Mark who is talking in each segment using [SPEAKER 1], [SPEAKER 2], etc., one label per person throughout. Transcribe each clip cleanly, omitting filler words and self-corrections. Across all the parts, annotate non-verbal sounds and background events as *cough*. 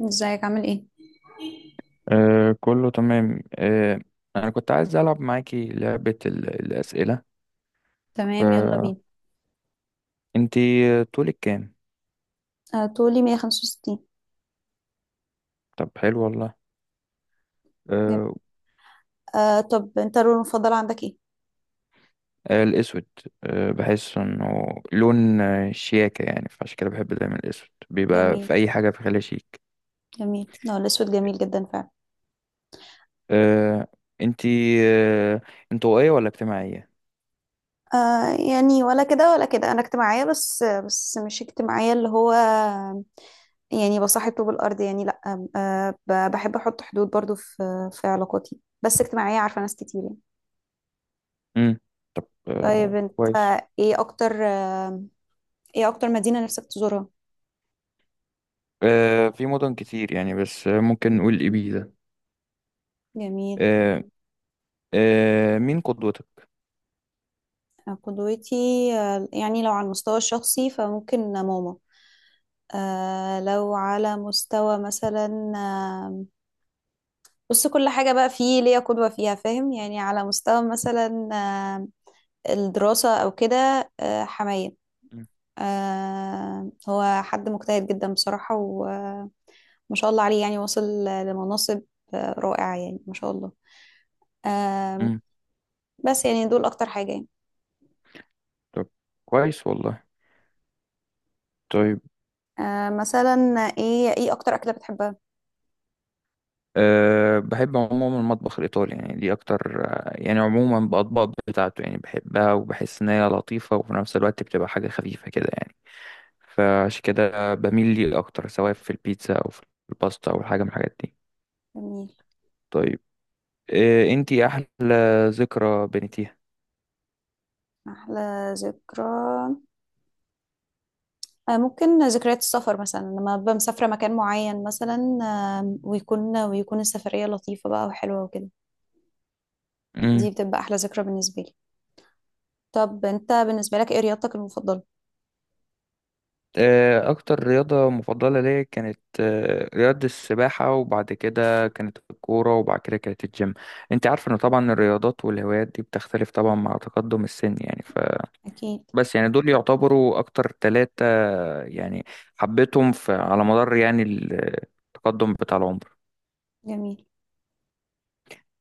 [SPEAKER 1] ازيك عامل ايه؟
[SPEAKER 2] آه كله تمام أنا كنت عايز ألعب معاكي لعبة الأسئلة.
[SPEAKER 1] تمام، يلا بينا.
[SPEAKER 2] فأنتي طولك كام؟
[SPEAKER 1] طولي 165.
[SPEAKER 2] طب حلو والله. آه.
[SPEAKER 1] طب انت اللون المفضل عندك ايه؟
[SPEAKER 2] الأسود. بحس إنه لون شياكة، يعني فعشان كده بحب دايما الأسود بيبقى
[SPEAKER 1] جميل.
[SPEAKER 2] في أي حاجة، في خلال شيك.
[SPEAKER 1] جميل، اه الاسود جميل جدا فعلا.
[SPEAKER 2] آه أنتي آه انطوائية ولا اجتماعية؟
[SPEAKER 1] يعني ولا كده ولا كده، انا اجتماعية بس مش اجتماعية اللي هو يعني بصاحب طوب الارض، يعني لا. بحب احط حدود برضو في علاقاتي، بس اجتماعية، عارفة ناس كتير يعني.
[SPEAKER 2] مم.
[SPEAKER 1] طيب انت،
[SPEAKER 2] كويس.
[SPEAKER 1] ايه اكتر آه ايه اكتر مدينة نفسك تزورها؟
[SPEAKER 2] في مدن كتير يعني، بس ممكن نقول إبيزا.
[SPEAKER 1] جميل.
[SPEAKER 2] آه. مين قدوتك؟
[SPEAKER 1] قدوتي؟ يعني لو على المستوى الشخصي فممكن ماما. لو على مستوى مثلا بص، كل حاجة بقى فيه ليا قدوة فيها، فاهم؟ يعني على مستوى مثلا الدراسة أو كده. حماية. هو حد مجتهد جدا بصراحة، وما شاء الله عليه يعني وصل لمناصب رائعة، يعني ما شاء الله. آه.
[SPEAKER 2] مم.
[SPEAKER 1] بس يعني دول أكتر حاجة يعني.
[SPEAKER 2] طب كويس والله. طيب.
[SPEAKER 1] مثلا، إيه أكتر أكلة بتحبها؟
[SPEAKER 2] بحب عموما المطبخ الإيطالي، يعني دي أكتر يعني عموما بأطباق بتاعته يعني، بحبها وبحس إن هي لطيفة وفي نفس الوقت بتبقى حاجة خفيفة كده يعني. فعشان كده بميل ليه أكتر سواء في البيتزا أو في الباستا أو حاجة من الحاجات دي.
[SPEAKER 1] جميل.
[SPEAKER 2] طيب. أنتي أحلى ذكرى بنيتيها.
[SPEAKER 1] أحلى ذكرى؟ ممكن ذكريات السفر، مثلا لما ببقى مسافرة مكان معين مثلا، ويكون السفرية لطيفة بقى وحلوة وكده. دي بتبقى أحلى ذكرى بالنسبة لي. طب أنت بالنسبة لك إيه رياضتك المفضلة؟
[SPEAKER 2] أكتر رياضة مفضلة ليا كانت رياضة السباحة، وبعد كده كانت الكورة، وبعد كده كانت الجيم. أنت عارف إن طبعا الرياضات والهوايات دي بتختلف طبعا مع تقدم السن يعني.
[SPEAKER 1] أكيد.
[SPEAKER 2] فبس يعني دول يعتبروا أكتر ثلاثة، يعني حبيتهم في على مدار يعني التقدم بتاع العمر.
[SPEAKER 1] جميل.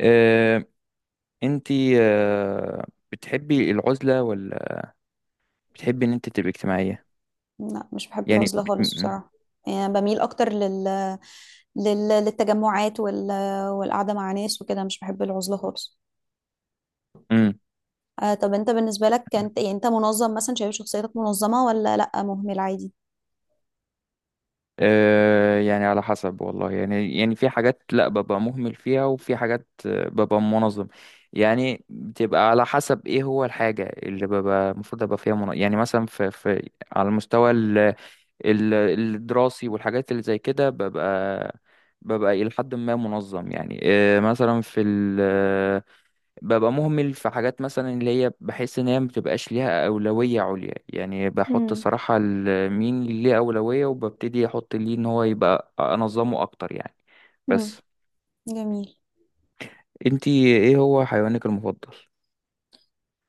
[SPEAKER 2] آه، أنت آه، بتحبي العزلة ولا بتحبي إن أنت تبقي اجتماعية؟
[SPEAKER 1] لا مش بحب
[SPEAKER 2] يعني
[SPEAKER 1] العزلة
[SPEAKER 2] بت...
[SPEAKER 1] خالص
[SPEAKER 2] م-
[SPEAKER 1] بصراحة. يعني بميل أكتر للتجمعات والقعدة مع ناس وكده، مش بحب العزلة خالص.
[SPEAKER 2] م-
[SPEAKER 1] طب أنت بالنسبة لك كانت، يعني أنت منظم مثلا، شايف شخصيتك منظمة ولا لأ مهمل عادي؟
[SPEAKER 2] يعني على حسب والله، يعني يعني في حاجات لا ببقى مهمل فيها، وفي حاجات ببقى منظم. يعني بتبقى على حسب ايه هو الحاجة اللي ببقى المفروض ابقى فيها منظم، يعني مثلا في على المستوى الدراسي والحاجات اللي زي كده، ببقى إلى حد ما منظم يعني. مثلا في ببقى مهمل في حاجات، مثلا اللي هي بحس ان هي مبتبقاش ليها اولويه عليا، يعني بحط
[SPEAKER 1] امم.
[SPEAKER 2] صراحه مين اللي ليه اولويه وببتدي احط ليه ان هو يبقى انظمه اكتر يعني.
[SPEAKER 1] امم.
[SPEAKER 2] بس.
[SPEAKER 1] جميل.
[SPEAKER 2] انتي ايه هو حيوانك المفضل؟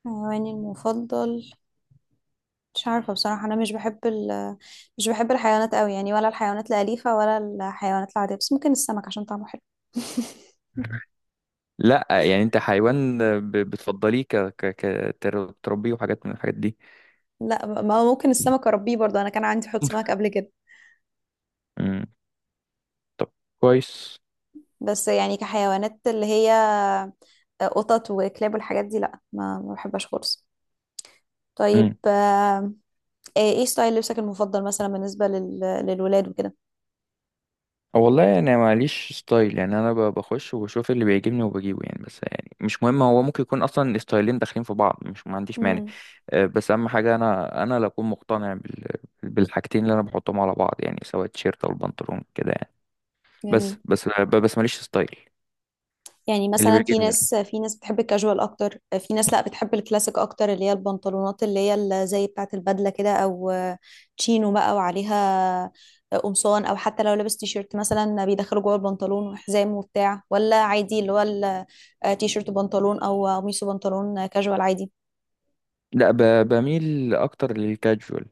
[SPEAKER 1] حيواني المفضل؟ مش عارفة بصراحة، أنا مش بحب مش بحب الحيوانات أوي يعني، ولا الحيوانات الأليفة ولا الحيوانات العادية، بس ممكن السمك عشان طعمه حلو. *laughs*
[SPEAKER 2] لا يعني انت حيوان بتفضليه تربيه وحاجات من الحاجات دي؟
[SPEAKER 1] لا، ما هو ممكن السمك أربيه برضه، أنا كان عندي حوض سمك
[SPEAKER 2] *laughs*
[SPEAKER 1] قبل كده.
[SPEAKER 2] مم. طب كويس.
[SPEAKER 1] بس يعني كحيوانات اللي هي قطط وكلاب والحاجات دي، لا، ما بحبهاش خالص. طيب، إيه ستايل لبسك المفضل، مثلا بالنسبة للولاد وكده؟
[SPEAKER 2] والله انا ماليش ستايل، يعني انا بخش وبشوف اللي بيعجبني وبجيبه يعني. بس يعني مش مهم، هو ممكن يكون اصلا ستايلين داخلين في بعض، مش ما عنديش مانع.
[SPEAKER 1] امم.
[SPEAKER 2] بس اهم حاجه انا اللي اكون مقتنع بالحاجتين اللي انا بحطهم على بعض، يعني سواء التيشيرت او البنطلون كده يعني.
[SPEAKER 1] جميل.
[SPEAKER 2] بس ماليش ستايل.
[SPEAKER 1] يعني
[SPEAKER 2] اللي
[SPEAKER 1] مثلا في
[SPEAKER 2] بيعجبني.
[SPEAKER 1] ناس في ناس بتحب الكاجوال اكتر، في ناس لا، بتحب الكلاسيك اكتر اللي هي البنطلونات اللي هي زي بتاعه البدله كده، او تشينو بقى وعليها قمصان، او حتى لو لابس تيشيرت مثلا بيدخله جوه البنطلون وحزام وبتاع، ولا عادي اللي هو تيشيرت بنطلون، او قميص بنطلون كاجوال عادي.
[SPEAKER 2] لا بميل اكتر للكاجوال.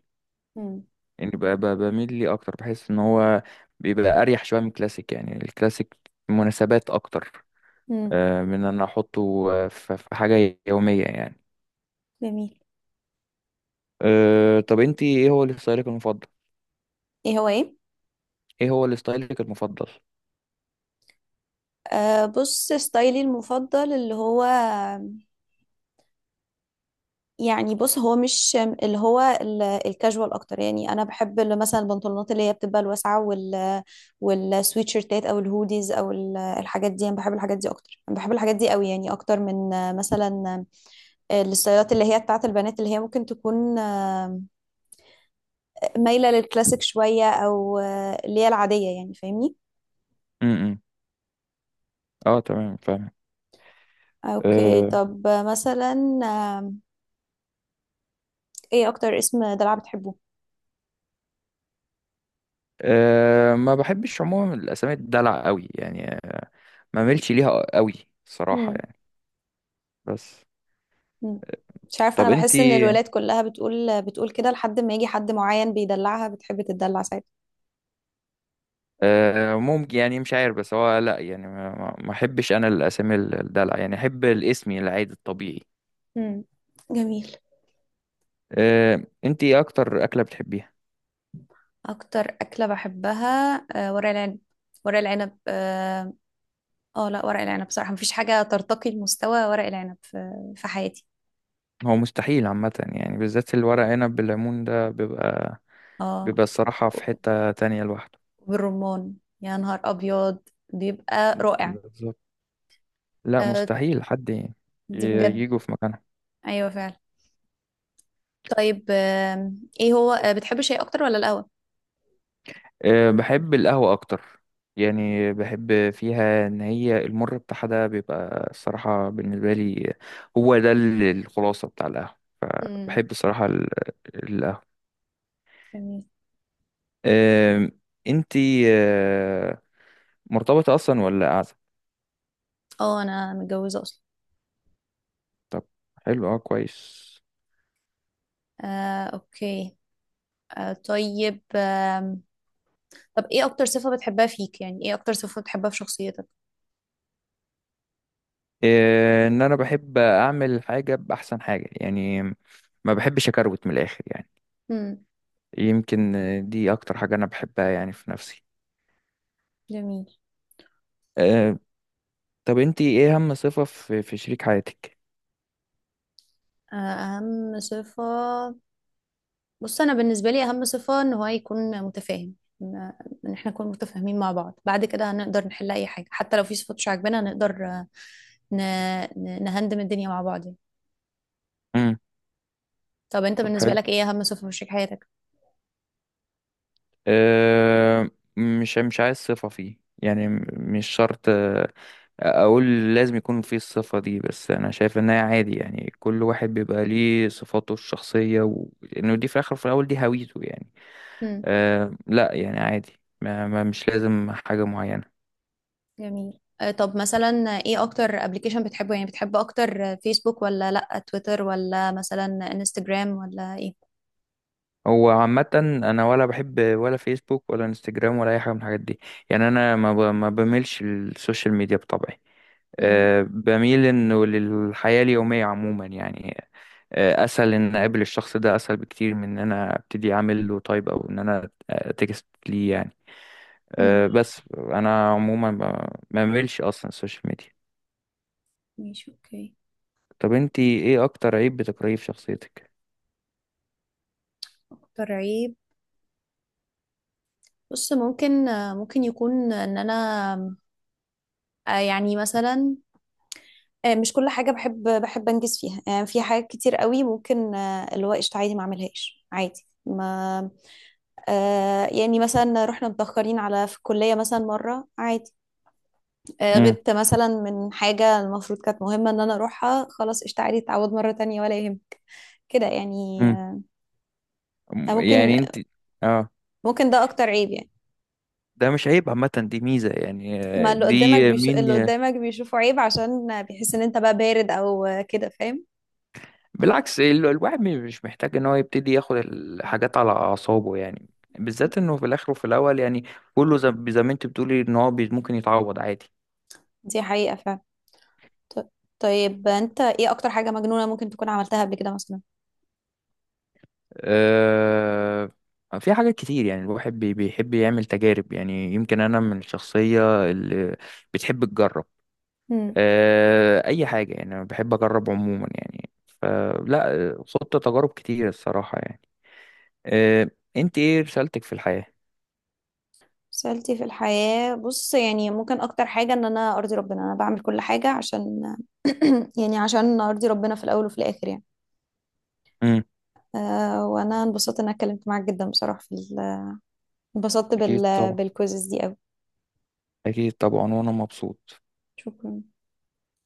[SPEAKER 1] امم.
[SPEAKER 2] يعني بميل ليه اكتر، بحس ان هو بيبقى اريح شويه من الكلاسيك، يعني الكلاسيك مناسبات اكتر
[SPEAKER 1] امم.
[SPEAKER 2] من ان انا احطه في في حاجة يومية يعني.
[SPEAKER 1] جميل.
[SPEAKER 2] طب انت ايه هو الستايلك المفضل؟
[SPEAKER 1] ايه هو ايه؟
[SPEAKER 2] ايه هو الستايلك المفضل؟
[SPEAKER 1] بص ستايلي المفضل اللي هو، يعني بص هو مش، اللي هو الكاجوال اكتر يعني، انا بحب اللي مثلا البنطلونات اللي هي بتبقى الواسعه، والسويت شيرتات او الهوديز، او الحاجات دي، انا بحب الحاجات دي اكتر، انا بحب الحاجات دي قوي يعني، اكتر من مثلا الستايلات اللي هي بتاعت البنات، اللي هي ممكن تكون مايله للكلاسيك شويه، او اللي هي العاديه يعني، فاهمني؟
[SPEAKER 2] امم. إمم. اه تمام فاهم.
[SPEAKER 1] اوكي،
[SPEAKER 2] أه
[SPEAKER 1] طب مثلا ايه اكتر اسم دلع بتحبه؟
[SPEAKER 2] أه ما بحبش عموما الاسامي الدلع قوي، يعني ما ملش ليها قوي الصراحة يعني. بس.
[SPEAKER 1] مم. مش عارفة، أنا
[SPEAKER 2] طب انت.
[SPEAKER 1] بحس إن الولاد كلها بتقول كده لحد ما يجي حد معين بيدلعها بتحب تدلع ساعتها.
[SPEAKER 2] ممكن يعني، مش عارف، بس هو لا يعني ما احبش انا الاسامي الدلع، يعني احب الاسم العادي الطبيعي.
[SPEAKER 1] مم. جميل.
[SPEAKER 2] انت ايه اكتر اكلة بتحبيها؟
[SPEAKER 1] اكتر اكله بحبها ورق العنب. ورق العنب، اه. لا ورق العنب بصراحه مفيش حاجه ترتقي لمستوى ورق العنب في حياتي.
[SPEAKER 2] هو مستحيل عامة يعني، بالذات الورق عنب بالليمون ده بيبقى،
[SPEAKER 1] اه،
[SPEAKER 2] الصراحة في حتة تانية لوحده.
[SPEAKER 1] بالرمان. يا نهار ابيض، بيبقى رائع.
[SPEAKER 2] بالظبط. لا
[SPEAKER 1] آه،
[SPEAKER 2] مستحيل حد
[SPEAKER 1] دي بجد.
[SPEAKER 2] يجوا في مكانها.
[SPEAKER 1] ايوه فعلا. طيب، ايه هو، بتحب الشاي اكتر ولا القهوه؟
[SPEAKER 2] بحب القهوة أكتر. يعني بحب فيها إن هي المر بتاعها ده بيبقى الصراحة بالنسبة لي هو ده الخلاصة بتاع القهوة.
[SPEAKER 1] مم.
[SPEAKER 2] بحب الصراحة القهوة.
[SPEAKER 1] جميل.
[SPEAKER 2] أه، انتي مرتبطة أصلا ولا قاعدة؟
[SPEAKER 1] اه، انا متجوزه اصلا.
[SPEAKER 2] طب حلو. اه كويس.
[SPEAKER 1] اوكي. طيب، طب ايه اكتر صفة بتحبها فيك؟ يعني ايه اكتر صفة بتحبها في شخصيتك؟
[SPEAKER 2] إيه، ان انا بحب اعمل حاجه باحسن حاجه يعني، ما بحبش اكروت من الاخر يعني.
[SPEAKER 1] امم.
[SPEAKER 2] يمكن دي اكتر حاجه انا بحبها يعني في نفسي.
[SPEAKER 1] جميل.
[SPEAKER 2] أه طب انتي ايه اهم صفه في شريك حياتك؟
[SPEAKER 1] اهم صفة. بص، انا بالنسبة لي اهم صفة ان هو يكون متفاهم، ان إن احنا نكون متفاهمين مع بعض، بعد كده هنقدر نحل اي حاجة حتى لو في صفات مش عاجبانا، هنقدر ن... نهندم الدنيا مع بعض يعني.
[SPEAKER 2] امم.
[SPEAKER 1] طب انت
[SPEAKER 2] طب
[SPEAKER 1] بالنسبة
[SPEAKER 2] حلو.
[SPEAKER 1] لك ايه اهم صفة في شريك حياتك؟
[SPEAKER 2] أه مش عايز صفه فيه، يعني مش شرط اقول لازم يكون فيه الصفه دي. بس انا شايف انها عادي، يعني كل واحد بيبقى ليه صفاته الشخصيه وانه دي في الاخر في الاول دي هويته يعني. لا يعني عادي، مش لازم حاجة معينة.
[SPEAKER 1] جميل. طب مثلا، ايه اكتر ابلكيشن بتحبه؟ يعني بتحب اكتر فيسبوك ولا، لا تويتر، ولا مثلا انستجرام، ولا ايه؟
[SPEAKER 2] هو عامة أنا ولا بحب ولا فيسبوك ولا انستجرام ولا أي حاجة من الحاجات دي. يعني أنا ما بميلش السوشيال ميديا بطبعي.
[SPEAKER 1] امم.
[SPEAKER 2] بميل إنه للحياة اليومية عموما يعني. أسهل إن أقابل الشخص ده، أسهل بكتير من إن أنا أبتدي أعمل له تايب، أو إن أنا تكست ليه يعني.
[SPEAKER 1] امم.
[SPEAKER 2] بس أنا عموما ما بميلش أصلا السوشيال ميديا.
[SPEAKER 1] ماشي، اوكي.
[SPEAKER 2] طب أنتي إيه أكتر عيب بتكرهيه في شخصيتك؟
[SPEAKER 1] اكتر عيب؟ بص، ممكن يكون ان انا يعني مثلا مش كل حاجة بحب انجز فيها، يعني في حاجات كتير قوي ممكن اللي هو قشطة عادي ما اعملهاش، عادي ما يعني مثلا رحنا متأخرين على في الكلية مثلا مرة، عادي. غبت مثلا من حاجة المفروض كانت مهمة ان انا اروحها، خلاص قشطة تعوض مرة تانية ولا يهمك كده يعني.
[SPEAKER 2] مم.
[SPEAKER 1] آه، ممكن
[SPEAKER 2] يعني انت. اه.
[SPEAKER 1] ممكن ده اكتر عيب يعني.
[SPEAKER 2] ده مش عيب عامة، دي ميزة يعني.
[SPEAKER 1] ما اللي قدامك بيشوفه عيب عشان بيحس ان انت بقى بارد او كده، فاهم؟
[SPEAKER 2] بالعكس الواحد مش محتاج ان هو يبتدي ياخد الحاجات على اعصابه يعني، بالذات انه في الاخر وفي الاول يعني كله زي ما انت بتقولي ان هو ممكن يتعوض عادي.
[SPEAKER 1] دي حقيقة فعلا. ط- طيب انت ايه اكتر حاجة مجنونة ممكن تكون عملتها قبل كده مثلا؟
[SPEAKER 2] آه. في حاجات كتير يعني الواحد بيحب يعمل تجارب يعني، يمكن انا من الشخصية اللي بتحب تجرب.
[SPEAKER 1] امم.
[SPEAKER 2] آه اي حاجة يعني، انا بحب اجرب عموما يعني. فلا خضت تجارب كتير الصراحة يعني. آه، انت ايه رسالتك في الحياة؟
[SPEAKER 1] سألتي في الحياة، بص يعني ممكن اكتر حاجة ان انا ارضي ربنا، انا بعمل كل حاجة عشان *coughs* *clears throat* يعني عشان ارضي ربنا في الاول وفي الاخر يعني.
[SPEAKER 2] امم.
[SPEAKER 1] وانا انبسطت ان انا اتكلمت معاك جدا بصراحة في انبسطت
[SPEAKER 2] اكيد طبعا.
[SPEAKER 1] بالكوزز دي قوي.
[SPEAKER 2] اكيد طبعا وانا مبسوط.
[SPEAKER 1] شكرا.